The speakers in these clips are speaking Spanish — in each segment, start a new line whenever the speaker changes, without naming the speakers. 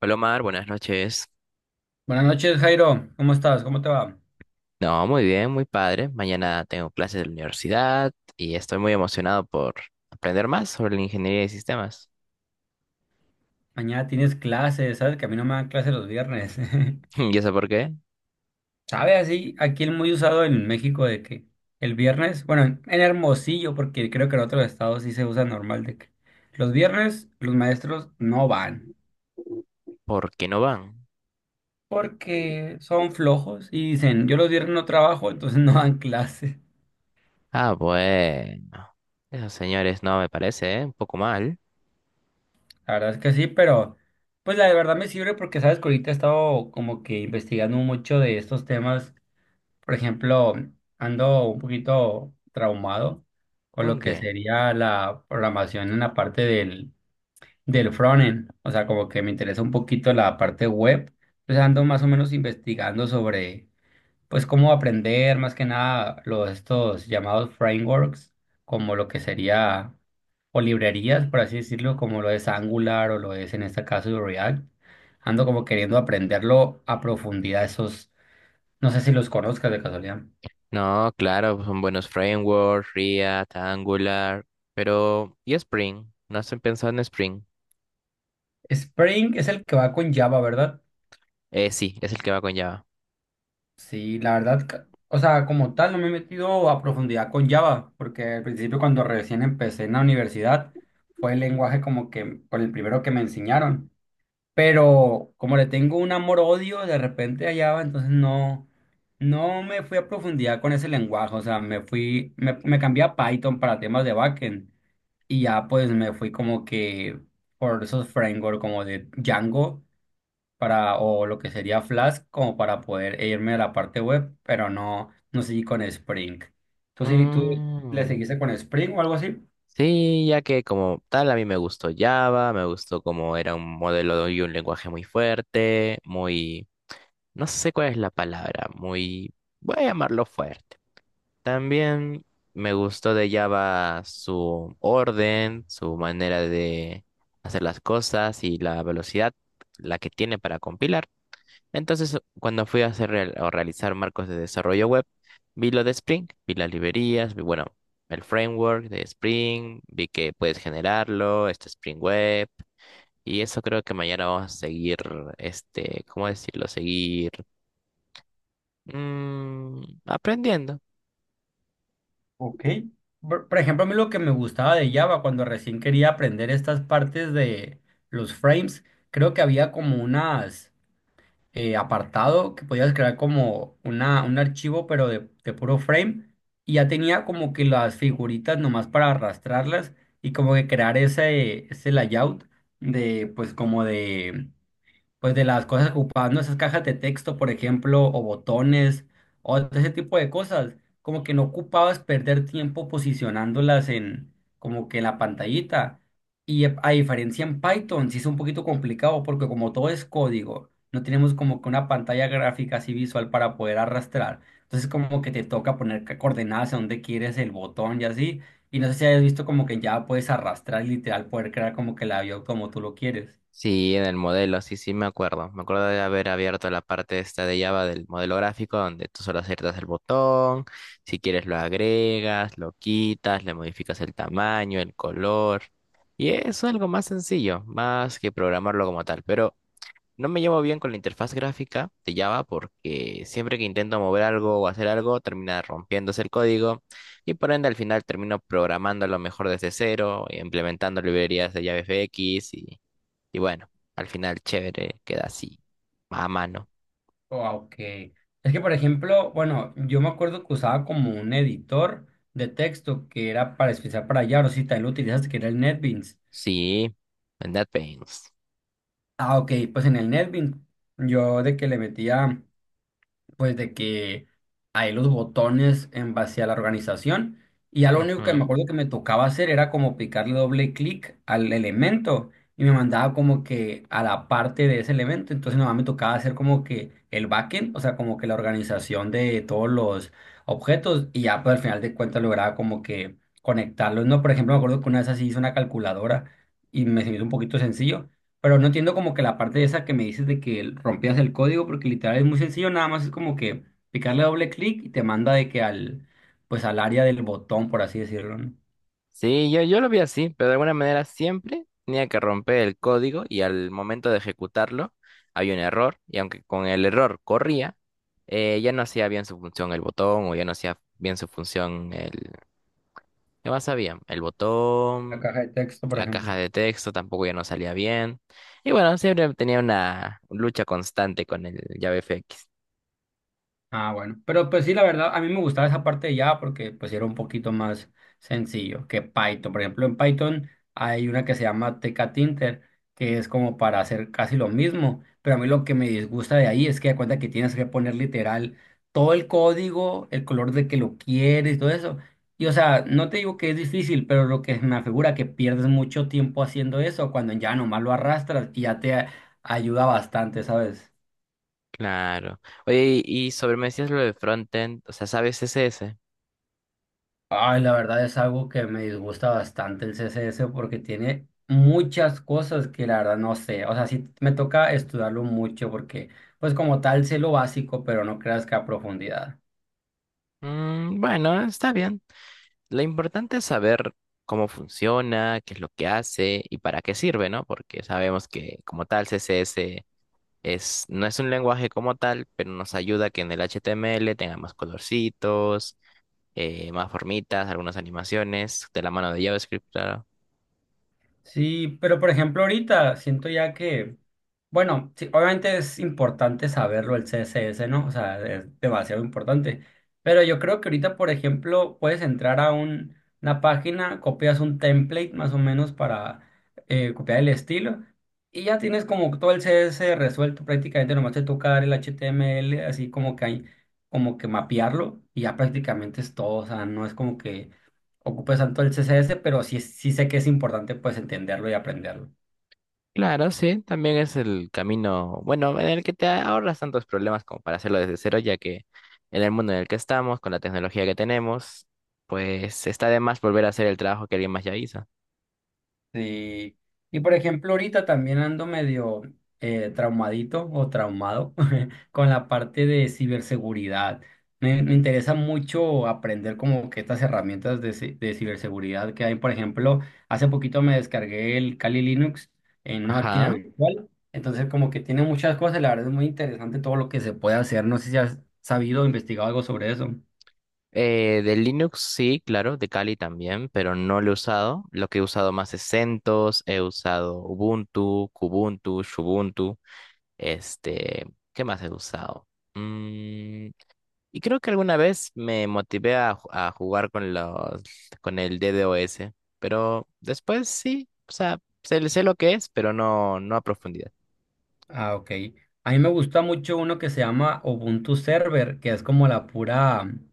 Hola Omar, buenas noches.
Buenas noches, Jairo. ¿Cómo estás? ¿Cómo te va?
No, muy bien, muy padre. Mañana tengo clases de la universidad y estoy muy emocionado por aprender más sobre la ingeniería de sistemas.
Mañana tienes clases, ¿sabes? Que a mí no me dan clases los viernes.
¿Y eso por qué?
¿Sabes? Así, aquí el muy usado en México de que el viernes, bueno, en Hermosillo, porque creo que en otros estados sí se usa normal de que los viernes los maestros no van
¿Por qué no van?
porque son flojos y dicen, yo los viernes no trabajo, entonces no dan clases.
Ah, bueno. Esos señores no me parece, ¿eh? Un poco mal.
La verdad es que sí, pero pues la de verdad me sirve porque, ¿sabes? Que ahorita he estado como que investigando mucho de estos temas. Por ejemplo, ando un poquito traumado con lo
¿Con
que
qué?
sería la programación en la parte del, del frontend. O sea, como que me interesa un poquito la parte web. Entonces ando más o menos investigando sobre, pues, cómo aprender más que nada los, estos llamados frameworks, como lo que sería, o librerías, por así decirlo, como lo es Angular o lo es en este caso React. Ando como queriendo aprenderlo a profundidad, esos, no sé si los conozcas de casualidad.
No, claro, pues, son buenos frameworks, React, Angular, pero ¿y Spring? ¿No se pensado en Spring?
Spring es el que va con Java, ¿verdad?
Sí, es el que va con Java.
Sí, la verdad, o sea, como tal, no me he metido a profundidad con Java, porque al principio cuando recién empecé en la universidad, fue el lenguaje como que, por el primero que me enseñaron. Pero como le tengo un amor-odio de repente a Java, entonces no, no me fui a profundidad con ese lenguaje, o sea, me fui, me cambié a Python para temas de backend y ya pues me fui como que por esos frameworks como de Django, para, o lo que sería Flask, como para poder irme a la parte web, pero no, no seguí con Spring. ¿Tú le
Mm,
seguiste con Spring o algo así?
sí, ya que como tal a mí me gustó Java, me gustó como era un modelo y un lenguaje muy fuerte, muy, no sé cuál es la palabra, muy, voy a llamarlo fuerte. También me gustó de Java su orden, su manera de hacer las cosas y la velocidad, la que tiene para compilar. Entonces, cuando fui a hacer real- o realizar marcos de desarrollo web, vi lo de Spring, vi las librerías, vi, bueno, el framework de Spring, vi que puedes generarlo, este Spring Web, y eso creo que mañana vamos a seguir, ¿cómo decirlo? Seguir aprendiendo.
Ok. Por ejemplo, a mí lo que me gustaba de Java cuando recién quería aprender estas partes de los frames, creo que había como unas apartado que podías crear como una, un archivo, pero de puro frame. Y ya tenía como que las figuritas nomás para arrastrarlas y como que crear ese, ese layout de, pues como de, pues de las cosas que ocupaban, ¿no? Esas cajas de texto, por ejemplo, o botones, o todo ese tipo de cosas, como que no ocupabas perder tiempo posicionándolas en, como que en la pantallita. Y a diferencia en Python, sí es un poquito complicado porque como todo es código, no tenemos como que una pantalla gráfica así visual para poder arrastrar. Entonces como que te toca poner coordenadas a donde quieres el botón y así. Y no sé si hayas visto como que ya puedes arrastrar literal, poder crear como que la vio como tú lo quieres.
Sí, en el modelo, sí, sí, me acuerdo. Me acuerdo de haber abierto la parte esta de Java del modelo gráfico, donde tú solo aciertas el botón, si quieres lo agregas, lo quitas, le modificas el tamaño, el color. Y es algo más sencillo, más que programarlo como tal. Pero no me llevo bien con la interfaz gráfica de Java porque siempre que intento mover algo o hacer algo, termina rompiéndose el código y por ende al final termino programándolo mejor desde cero, implementando librerías de JavaFX y bueno, al final chévere, queda así, más a mano.
Oh, ok. Es que, por ejemplo, bueno, yo me acuerdo que usaba como un editor de texto que era para especial para Yaro, si también lo utilizaste, que era el NetBeans.
Sí, en That Pains.
Ah, ok, pues en el NetBeans yo de que le metía, pues de que hay los botones en base a la organización y ya lo único que me
Ujú.
acuerdo que me tocaba hacer era como picarle doble clic al elemento y me mandaba como que a la parte de ese elemento, entonces nada más me tocaba hacer como que el backend, o sea, como que la organización de todos los objetos y ya pues al final de cuentas lograba como que conectarlos, ¿no? Por ejemplo, me acuerdo que una vez así hice una calculadora y me se me hizo un poquito sencillo, pero no entiendo como que la parte esa que me dices de que rompías el código, porque literal es muy sencillo, nada más es como que picarle doble clic y te manda de que al, pues al área del botón, por así decirlo, ¿no?
Sí, yo lo vi así, pero de alguna manera siempre tenía que romper el código y al momento de ejecutarlo había un error y aunque con el error corría, ya no hacía bien su función el botón o ya no hacía bien su función el... ¿Qué más sabía el
La
botón,
caja de texto, por
la
ejemplo.
caja de texto tampoco ya no salía bien. Y bueno, siempre tenía una lucha constante con el JavaFX.
Ah, bueno. Pero pues sí, la verdad, a mí me gustaba esa parte de Java porque pues era un poquito más sencillo que Python. Por ejemplo, en Python hay una que se llama Tekatinter, que es como para hacer casi lo mismo. Pero a mí lo que me disgusta de ahí es que da cuenta que tienes que poner literal todo el código, el color de que lo quieres y todo eso. Y o sea, no te digo que es difícil, pero lo que me afigura que pierdes mucho tiempo haciendo eso cuando ya nomás lo arrastras y ya te ayuda bastante, ¿sabes?
Claro. Oye, y sobre me decías lo de frontend, o sea, ¿sabes CSS?
Ay, la verdad es algo que me disgusta bastante el CSS porque tiene muchas cosas que la verdad no sé. O sea, sí me toca estudiarlo mucho porque, pues como tal, sé lo básico, pero no creas que a profundidad.
Mm, bueno, está bien. Lo importante es saber cómo funciona, qué es lo que hace y para qué sirve, ¿no? Porque sabemos que como tal CSS es, no es un lenguaje como tal, pero nos ayuda a que en el HTML tenga más colorcitos, más formitas, algunas animaciones, de la mano de JavaScript, claro.
Sí, pero por ejemplo ahorita siento ya que, bueno, sí, obviamente es importante saberlo el CSS, ¿no? O sea, es demasiado importante. Pero yo creo que ahorita, por ejemplo, puedes entrar a una página, copias un template más o menos para copiar el estilo y ya tienes como todo el CSS resuelto prácticamente, nomás te toca dar el HTML, así como que hay, como que mapearlo y ya prácticamente es todo, o sea, no es como que ocupe tanto el CSS, pero sí, sí sé que es importante pues entenderlo y aprenderlo.
Claro, sí, también es el camino, bueno, en el que te ahorras tantos problemas como para hacerlo desde cero, ya que en el mundo en el que estamos, con la tecnología que tenemos, pues está de más volver a hacer el trabajo que alguien más ya hizo.
Y, y por ejemplo, ahorita también ando medio traumadito o traumado con la parte de ciberseguridad. Me interesa mucho aprender como que estas herramientas de, de ciberseguridad que hay. Por ejemplo, hace poquito me descargué el Kali Linux en una máquina
Ajá.
virtual. Entonces como que tiene muchas cosas, la verdad es muy interesante todo lo que se puede hacer. No sé si has sabido o investigado algo sobre eso.
De Linux sí, claro, de Kali también, pero no lo he usado. Lo que he usado más es CentOS, he usado Ubuntu, Kubuntu, Shubuntu. Este, ¿Qué más he usado? Mm, Y creo que alguna vez me motivé a jugar con con el DDoS, pero después sí, o sea, sé, sé lo que es, pero no, no a profundidad.
Ah, ok. A mí me gusta mucho uno que se llama Ubuntu Server, que es como la pura,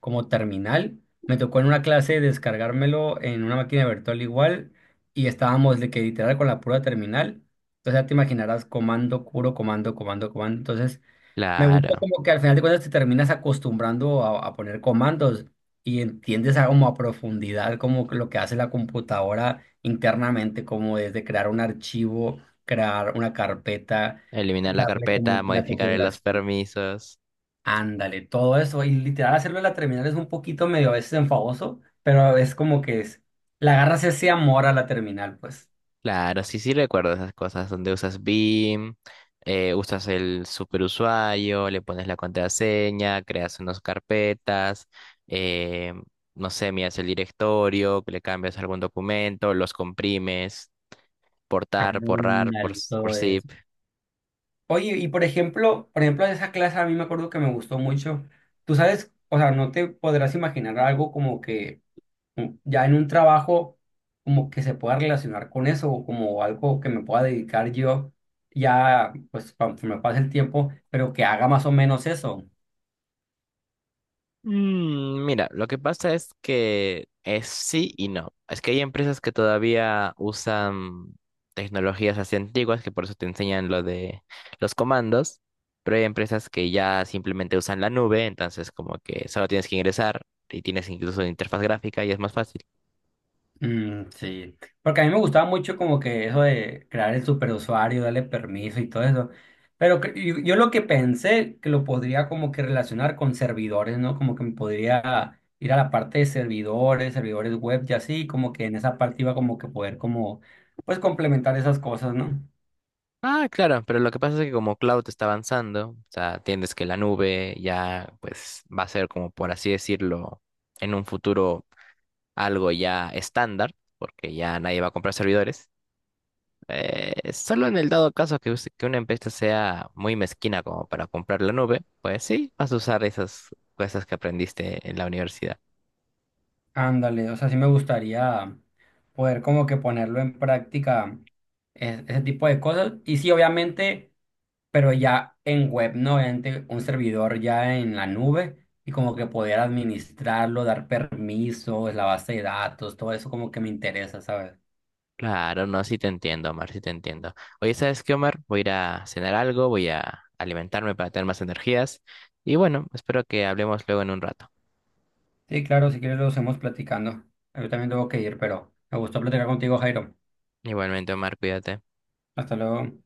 como terminal. Me tocó en una clase descargármelo en una máquina virtual igual y estábamos de que literal con la pura terminal. Entonces ya te imaginarás comando, puro comando, comando, comando. Entonces me gusta
Claro,
como que al final de cuentas te terminas acostumbrando a poner comandos y entiendes a, como a profundidad como que lo que hace la computadora internamente, como desde crear un archivo, crear una carpeta,
eliminar la
darle como
carpeta,
la
modificar los
configuración.
permisos.
Ándale, todo eso. Y literal hacerlo en la terminal es un poquito medio a veces enfadoso, pero es como que es, le agarras ese amor a la terminal, pues.
Claro, sí, sí recuerdo esas cosas donde usas BIM, usas el superusuario, le pones la contraseña, creas unas carpetas, eh, no sé, miras el directorio, le cambias algún documento, los comprimes. portar, porrar, por,
Ándale, todo
por zip.
eso. Oye, y por ejemplo, esa clase a mí me acuerdo que me gustó mucho. Tú sabes, o sea, no te podrás imaginar algo como que ya en un trabajo como que se pueda relacionar con eso o como algo que me pueda dedicar yo ya, pues, cuando se me pase el tiempo, pero que haga más o menos eso.
Mira, lo que pasa es que es sí y no. Es que hay empresas que todavía usan tecnologías así antiguas que por eso te enseñan lo de los comandos, pero hay empresas que ya simplemente usan la nube, entonces como que solo tienes que ingresar y tienes incluso interfaz gráfica y es más fácil.
Mm, sí, porque a mí me gustaba mucho como que eso de crear el superusuario, darle permiso y todo eso. Pero yo lo que pensé que lo podría como que relacionar con servidores, ¿no? Como que me podría ir a la parte de servidores, servidores web y así, como que en esa parte iba como que poder como, pues complementar esas cosas, ¿no?
Ah, claro, pero lo que pasa es que como cloud está avanzando, o sea, entiendes que la nube ya pues va a ser como por así decirlo en un futuro algo ya estándar, porque ya nadie va a comprar servidores. Solo en el dado caso que, que una empresa sea muy mezquina como para comprar la nube, pues sí, vas a usar esas cosas que aprendiste en la universidad.
Ándale, o sea, sí me gustaría poder como que ponerlo en práctica ese tipo de cosas. Y sí, obviamente, pero ya en web, ¿no? Obviamente un servidor ya en la nube y como que poder administrarlo, dar permisos, la base de datos, todo eso como que me interesa, ¿sabes?
Claro, no, sí te entiendo, Omar, sí te entiendo. Oye, ¿sabes qué, Omar? Voy a ir a cenar algo, voy a alimentarme para tener más energías. Y bueno, espero que hablemos luego en un rato.
Sí, claro, si quieres lo hacemos platicando. Yo también tengo que ir, pero me gustó platicar contigo, Jairo.
Igualmente, Omar, cuídate.
Hasta luego.